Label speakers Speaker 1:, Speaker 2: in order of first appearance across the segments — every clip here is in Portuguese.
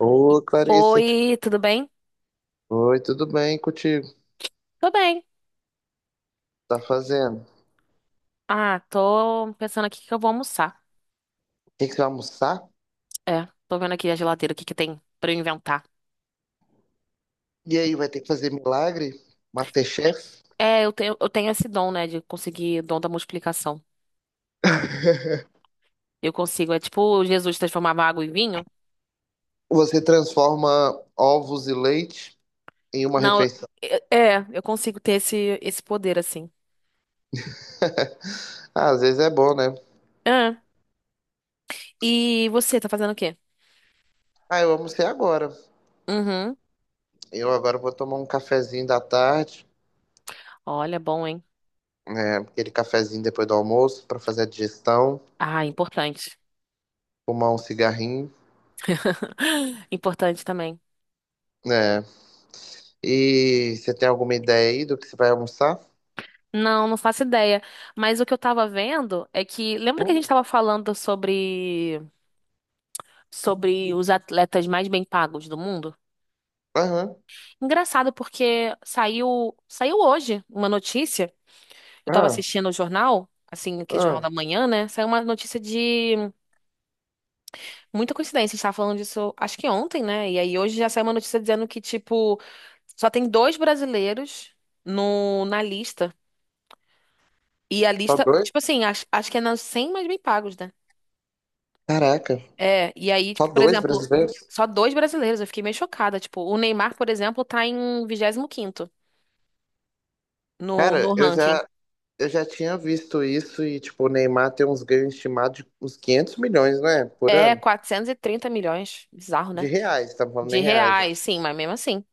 Speaker 1: Ô, Clarissa.
Speaker 2: Oi, tudo bem?
Speaker 1: Oi, tudo bem contigo?
Speaker 2: Tô bem.
Speaker 1: Tá fazendo? O
Speaker 2: Ah, tô pensando aqui o que eu vou almoçar.
Speaker 1: que que você vai almoçar?
Speaker 2: É, tô vendo aqui a geladeira, o que que tem pra eu inventar.
Speaker 1: E aí, vai ter que fazer milagre? MasterChef?
Speaker 2: É, eu tenho esse dom, né, de conseguir dom da multiplicação. Eu consigo, é tipo Jesus transformava água em vinho.
Speaker 1: Você transforma ovos e leite em uma
Speaker 2: Não,
Speaker 1: refeição.
Speaker 2: eu consigo ter esse poder, assim.
Speaker 1: Ah, às vezes é bom, né?
Speaker 2: Ah, e você, tá fazendo o quê?
Speaker 1: Ah, eu almocei agora.
Speaker 2: Uhum.
Speaker 1: Eu agora vou tomar um cafezinho da tarde,
Speaker 2: Olha, bom, hein?
Speaker 1: né? Aquele cafezinho depois do almoço pra fazer a digestão,
Speaker 2: Ah, importante.
Speaker 1: fumar um cigarrinho,
Speaker 2: Importante também.
Speaker 1: né? E você tem alguma ideia aí do que você vai almoçar?
Speaker 2: Não, não faço ideia. Mas o que eu tava vendo é que. Lembra que a
Speaker 1: Hum,
Speaker 2: gente tava falando sobre os atletas mais bem pagos do mundo.
Speaker 1: aham.
Speaker 2: Engraçado porque saiu hoje uma notícia. Eu estava
Speaker 1: Ah,
Speaker 2: assistindo o jornal, assim, que é jornal
Speaker 1: ah.
Speaker 2: da manhã, né? Saiu uma notícia de muita coincidência. A gente tava falando disso, acho que ontem, né? E aí hoje já saiu uma notícia dizendo que tipo só tem dois brasileiros no na lista. E a
Speaker 1: Tá
Speaker 2: lista,
Speaker 1: doido?
Speaker 2: tipo assim, acho que é nas 100 mais bem pagos, né?
Speaker 1: Caraca.
Speaker 2: É, e aí,
Speaker 1: Só
Speaker 2: tipo, por
Speaker 1: dois
Speaker 2: exemplo,
Speaker 1: brasileiros?
Speaker 2: só dois brasileiros, eu fiquei meio chocada. Tipo, o Neymar, por exemplo, tá em vigésimo quinto, no,
Speaker 1: Cara,
Speaker 2: no
Speaker 1: eu
Speaker 2: ranking.
Speaker 1: já, eu já tinha visto isso e, tipo, o Neymar tem uns ganhos estimados de uns 500 milhões, né? Por
Speaker 2: É
Speaker 1: ano.
Speaker 2: 430 milhões. Bizarro,
Speaker 1: De
Speaker 2: né?
Speaker 1: reais, tá falando em
Speaker 2: De
Speaker 1: reais, né?
Speaker 2: reais, sim, mas mesmo assim.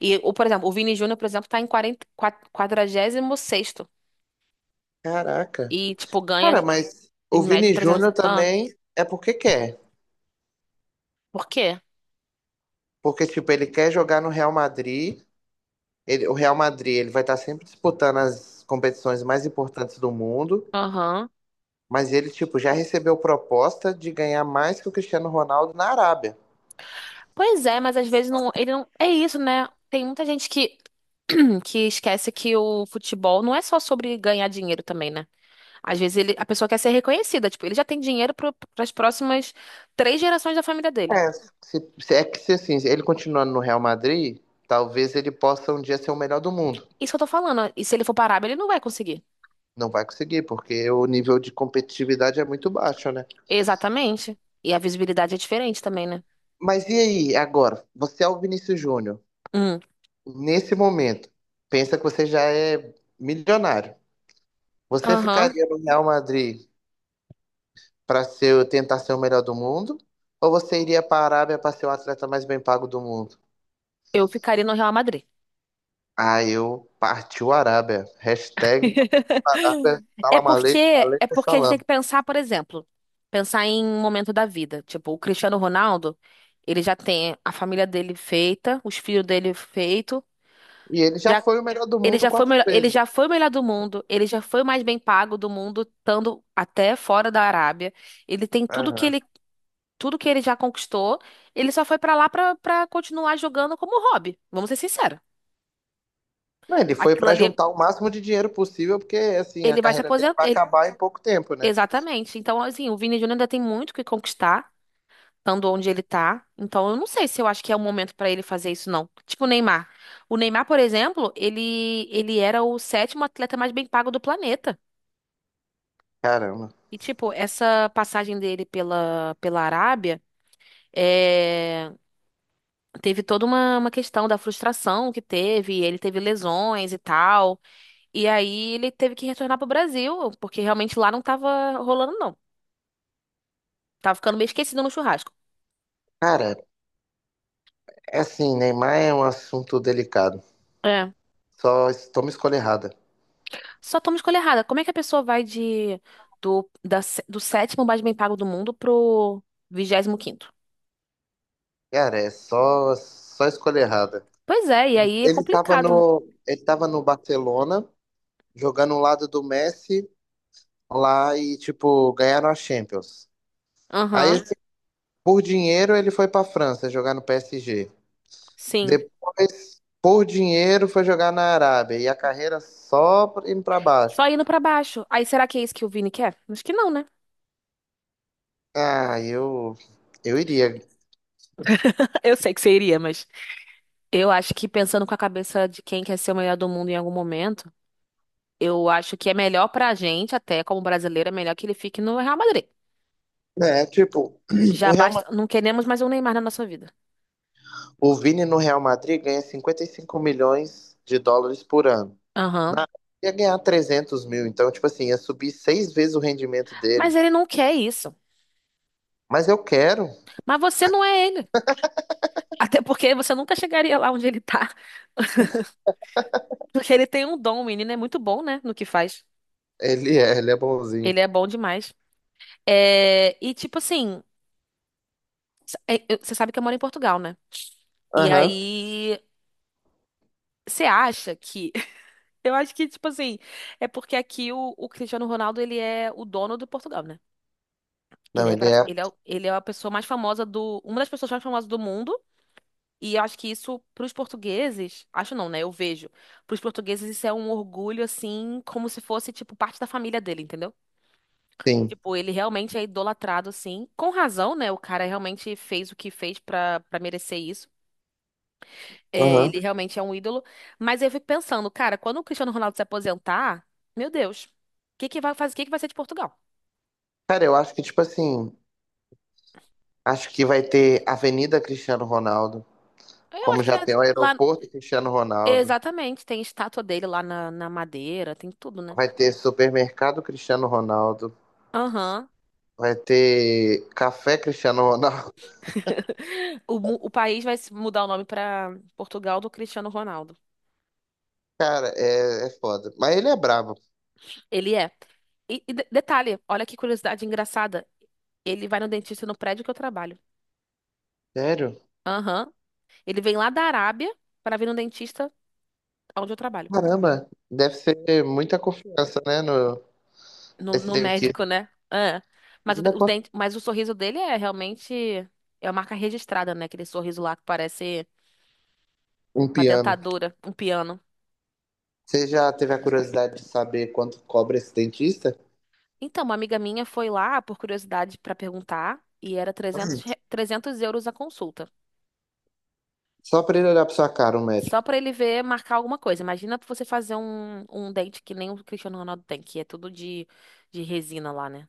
Speaker 2: E, o, por exemplo, o Vini Júnior, por exemplo, tá em 40, 46 sexto
Speaker 1: Caraca.
Speaker 2: e, tipo, ganha
Speaker 1: Cara, mas
Speaker 2: em
Speaker 1: o
Speaker 2: média
Speaker 1: Vini
Speaker 2: trezentos.
Speaker 1: Júnior
Speaker 2: Ah,
Speaker 1: também é porque quer.
Speaker 2: por quê?
Speaker 1: Porque, tipo, ele quer jogar no Real Madrid. Ele, o Real Madrid, ele vai estar sempre disputando as competições mais importantes do mundo.
Speaker 2: Aham.
Speaker 1: Mas ele, tipo, já recebeu proposta de ganhar mais que o Cristiano Ronaldo na Arábia.
Speaker 2: Pois é, mas às vezes não, ele não... É isso, né? Tem muita gente que, que esquece que o futebol não é só sobre ganhar dinheiro também, né? Às vezes ele, a pessoa quer ser reconhecida, tipo, ele já tem dinheiro para as próximas 3 gerações da família dele.
Speaker 1: É, é que se assim, ele continuando no Real Madrid, talvez ele possa um dia ser o melhor do mundo.
Speaker 2: Isso que eu tô falando. E se ele for parar, ele não vai conseguir.
Speaker 1: Não vai conseguir, porque o nível de competitividade é muito baixo, né?
Speaker 2: Exatamente. E a visibilidade é diferente também, né?
Speaker 1: Mas e aí, agora? Você é o Vinícius Júnior.
Speaker 2: Hum.
Speaker 1: Nesse momento, pensa que você já é milionário. Você
Speaker 2: Aham.
Speaker 1: ficaria no Real Madrid para ser, tentar ser o melhor do mundo? Ou você iria para a Arábia para ser o atleta mais bem pago do mundo?
Speaker 2: Eu ficaria no Real Madrid.
Speaker 1: Ah, eu partiu Arábia. Hashtag Arábia,
Speaker 2: É
Speaker 1: salam
Speaker 2: porque
Speaker 1: aleikum,
Speaker 2: é
Speaker 1: aleikum
Speaker 2: porque a gente
Speaker 1: salam.
Speaker 2: tem que pensar, por exemplo, pensar em um momento da vida. Tipo, o Cristiano Ronaldo, ele já tem a família dele feita, os filhos dele feito,
Speaker 1: E ele já
Speaker 2: já
Speaker 1: foi o melhor do
Speaker 2: ele
Speaker 1: mundo
Speaker 2: já foi o
Speaker 1: quatro
Speaker 2: melhor, ele
Speaker 1: vezes.
Speaker 2: já foi o melhor do mundo, ele já foi o mais bem pago do mundo, estando até fora da Arábia. Ele tem tudo que
Speaker 1: Aham.
Speaker 2: ele tudo que ele já conquistou, ele só foi pra lá pra para continuar jogando como hobby. Vamos ser sinceros.
Speaker 1: Não, ele foi
Speaker 2: Aquilo
Speaker 1: pra
Speaker 2: ali,
Speaker 1: juntar o máximo de dinheiro possível, porque assim, a
Speaker 2: ele vai se
Speaker 1: carreira dele
Speaker 2: aposentar.
Speaker 1: vai acabar em pouco tempo, né?
Speaker 2: Exatamente. Então, assim, o Vini Júnior ainda tem muito o que conquistar, estando onde ele tá. Então, eu não sei se eu acho que é o momento pra ele fazer isso, não. Tipo o Neymar. O Neymar, por exemplo, ele era o sétimo atleta mais bem pago do planeta.
Speaker 1: Caramba.
Speaker 2: E, tipo, essa passagem dele pela Arábia é, teve toda uma questão da frustração que teve. Ele teve lesões e tal. E aí ele teve que retornar pro Brasil, porque realmente lá não tava rolando, não. Tava ficando meio esquecido no churrasco.
Speaker 1: Cara, é assim, Neymar é um assunto delicado.
Speaker 2: É.
Speaker 1: Toma escolha errada.
Speaker 2: Só toma escolha errada. Como é que a pessoa vai de do, da sé- do sétimo mais bem pago do mundo pro vigésimo quinto?
Speaker 1: Cara, é só escolha errada.
Speaker 2: Pois é, e aí é
Speaker 1: Ele tava
Speaker 2: complicado, né?
Speaker 1: no, ele tava no Barcelona, jogando ao lado do Messi lá e, tipo, ganharam a Champions. Aí,
Speaker 2: Aham,
Speaker 1: assim, por dinheiro, ele foi pra França jogar no PSG.
Speaker 2: sim.
Speaker 1: Depois, por dinheiro, foi jogar na Arábia. E a carreira só indo pra baixo.
Speaker 2: Só indo pra baixo. Aí será que é isso que o Vini quer? Acho que não, né?
Speaker 1: Ah, eu iria.
Speaker 2: Eu sei que seria, mas eu acho que pensando com a cabeça de quem quer ser o melhor do mundo em algum momento, eu acho que é melhor pra gente, até como brasileiro, é melhor que ele fique no Real Madrid.
Speaker 1: É, tipo,
Speaker 2: Já
Speaker 1: o Real,
Speaker 2: basta,
Speaker 1: Ma-
Speaker 2: não queremos mais um Neymar na nossa vida.
Speaker 1: o Vini no Real Madrid ganha US$ 55 milhões por ano.
Speaker 2: Aham.
Speaker 1: Na ia ganhar 300 mil, então, tipo assim, ia subir seis vezes o rendimento
Speaker 2: Mas
Speaker 1: dele.
Speaker 2: ele não quer isso.
Speaker 1: Mas eu quero.
Speaker 2: Mas você não é ele. Até porque você nunca chegaria lá onde ele tá. Porque ele tem um dom, o menino é muito bom, né, no que faz.
Speaker 1: Ele é bonzinho.
Speaker 2: Ele é bom demais. É, e tipo assim, você sabe que eu moro em Portugal, né? E
Speaker 1: Aham.
Speaker 2: aí, você acha que. Eu acho que, tipo assim, é porque aqui o Cristiano Ronaldo, ele é o dono do Portugal, né? Ele
Speaker 1: Não,
Speaker 2: é,
Speaker 1: ele
Speaker 2: pra-
Speaker 1: é,
Speaker 2: ele é, o- ele é a pessoa mais famosa do. Uma das pessoas mais famosas do mundo. E eu acho que isso, para os portugueses, acho não, né? Eu vejo. Para os portugueses, isso é um orgulho, assim, como se fosse, tipo, parte da família dele, entendeu?
Speaker 1: sim.
Speaker 2: Tipo, ele realmente é idolatrado, assim, com razão, né? O cara realmente fez o que fez pra merecer isso. É, ele
Speaker 1: Aham.
Speaker 2: realmente é um ídolo. Mas eu fico pensando, cara, quando o Cristiano Ronaldo se aposentar, meu Deus, o que que vai fazer, o que que vai ser de Portugal?
Speaker 1: Cara, eu acho que, tipo assim, acho que vai ter Avenida Cristiano Ronaldo.
Speaker 2: Eu
Speaker 1: Como
Speaker 2: acho que
Speaker 1: já
Speaker 2: já
Speaker 1: tem o
Speaker 2: lá,
Speaker 1: aeroporto Cristiano Ronaldo,
Speaker 2: exatamente, tem estátua dele lá na Madeira, tem tudo, né?
Speaker 1: vai ter supermercado Cristiano Ronaldo,
Speaker 2: Aham.
Speaker 1: vai ter café Cristiano Ronaldo.
Speaker 2: O país vai se mudar o nome para Portugal do Cristiano Ronaldo.
Speaker 1: Cara, é foda. Mas ele é brabo.
Speaker 2: Ele é. E, detalhe, olha que curiosidade engraçada. Ele vai no dentista no prédio que eu trabalho.
Speaker 1: Sério?
Speaker 2: Aham. Ele vem lá da Arábia para vir no dentista onde eu trabalho.
Speaker 1: Caramba, deve ser muita confiança, né, no,
Speaker 2: No,
Speaker 1: nesse
Speaker 2: no
Speaker 1: dentista.
Speaker 2: médico, né? É. Mas o, de-
Speaker 1: Imagina
Speaker 2: o
Speaker 1: quanto
Speaker 2: dente, mas o sorriso dele é realmente. É uma marca registrada, né? Aquele sorriso lá que parece
Speaker 1: um
Speaker 2: uma
Speaker 1: piano.
Speaker 2: dentadura, um piano.
Speaker 1: Você já teve a curiosidade de saber quanto cobra esse dentista?
Speaker 2: Então, uma amiga minha foi lá por curiosidade para perguntar e era €300 a consulta.
Speaker 1: Só pra ele olhar pra sua cara, um médico.
Speaker 2: Só pra ele ver, marcar alguma coisa. Imagina você fazer um dente que nem o Cristiano Ronaldo tem, que é tudo de resina lá, né?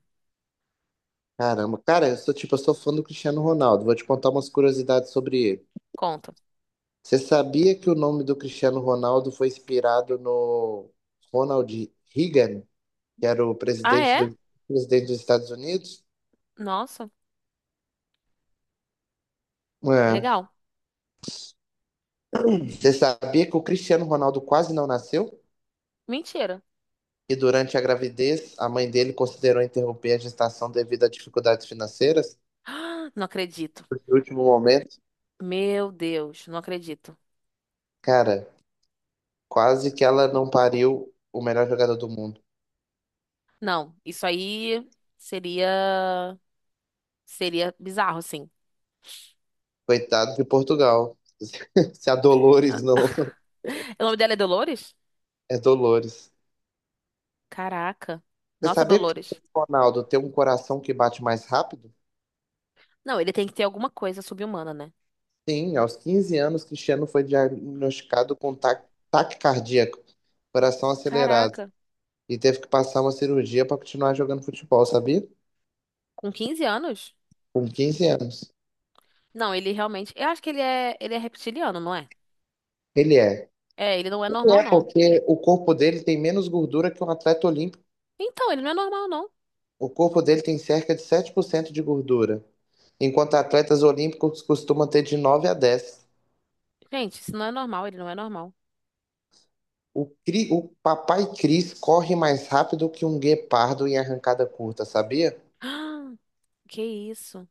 Speaker 1: Caramba, cara, eu sou tipo, eu sou fã do Cristiano Ronaldo. Vou te contar umas curiosidades sobre ele.
Speaker 2: Conta.
Speaker 1: Você sabia que o nome do Cristiano Ronaldo foi inspirado no Ronald Reagan, que era o
Speaker 2: Ah,
Speaker 1: presidente,
Speaker 2: é?
Speaker 1: presidente dos Estados Unidos?
Speaker 2: Nossa,
Speaker 1: É.
Speaker 2: legal.
Speaker 1: Você sabia que o Cristiano Ronaldo quase não nasceu?
Speaker 2: Mentira.
Speaker 1: E durante a gravidez, a mãe dele considerou interromper a gestação devido a dificuldades financeiras?
Speaker 2: Ah, não acredito.
Speaker 1: No último momento,
Speaker 2: Meu Deus, não acredito.
Speaker 1: cara, quase que ela não pariu o melhor jogador do mundo.
Speaker 2: Não, isso aí seria seria bizarro, sim.
Speaker 1: Coitado de Portugal. Se a Dolores não.
Speaker 2: O nome dela é Dolores?
Speaker 1: É Dolores.
Speaker 2: Caraca.
Speaker 1: Você
Speaker 2: Nossa,
Speaker 1: sabia que o
Speaker 2: Dolores.
Speaker 1: Cristiano Ronaldo tem um coração que bate mais rápido?
Speaker 2: Não, ele tem que ter alguma coisa subhumana, né?
Speaker 1: Sim, aos 15 anos, Cristiano foi diagnosticado com taque cardíaco, coração acelerado,
Speaker 2: Caraca.
Speaker 1: e teve que passar uma cirurgia para continuar jogando futebol, sabia?
Speaker 2: Com 15 anos?
Speaker 1: Com 15 anos.
Speaker 2: Não, ele realmente. Eu acho que ele é reptiliano, não é?
Speaker 1: Ele é.
Speaker 2: É, ele não é
Speaker 1: Ele
Speaker 2: normal,
Speaker 1: é
Speaker 2: não.
Speaker 1: porque o corpo dele tem menos gordura que um atleta olímpico.
Speaker 2: Então, ele não é normal, não.
Speaker 1: O corpo dele tem cerca de 7% de gordura, enquanto atletas olímpicos costumam ter de 9 a 10.
Speaker 2: Gente, isso não é normal, ele não é normal.
Speaker 1: O Papai Cris corre mais rápido que um guepardo em arrancada curta, sabia?
Speaker 2: Ah, que isso?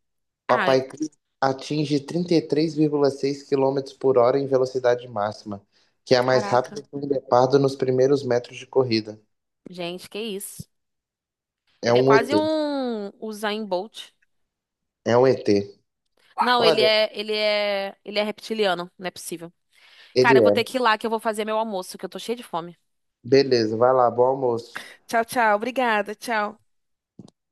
Speaker 2: Ai,
Speaker 1: Papai Cris atinge 33,6 quilômetros por hora em velocidade máxima, que é mais
Speaker 2: caraca.
Speaker 1: rápido que um guepardo nos primeiros metros de corrida.
Speaker 2: Gente, que isso?
Speaker 1: É
Speaker 2: Ele é
Speaker 1: um
Speaker 2: quase
Speaker 1: ET.
Speaker 2: um Usain Bolt.
Speaker 1: É um ET.
Speaker 2: Não, ele
Speaker 1: Olha,
Speaker 2: é, ele é, ele é reptiliano, não é possível.
Speaker 1: ele
Speaker 2: Cara, eu vou ter
Speaker 1: é.
Speaker 2: que ir lá que eu vou fazer meu almoço, que eu tô cheia de fome.
Speaker 1: Beleza, vai lá, bom almoço.
Speaker 2: Tchau, tchau. Obrigada. Tchau.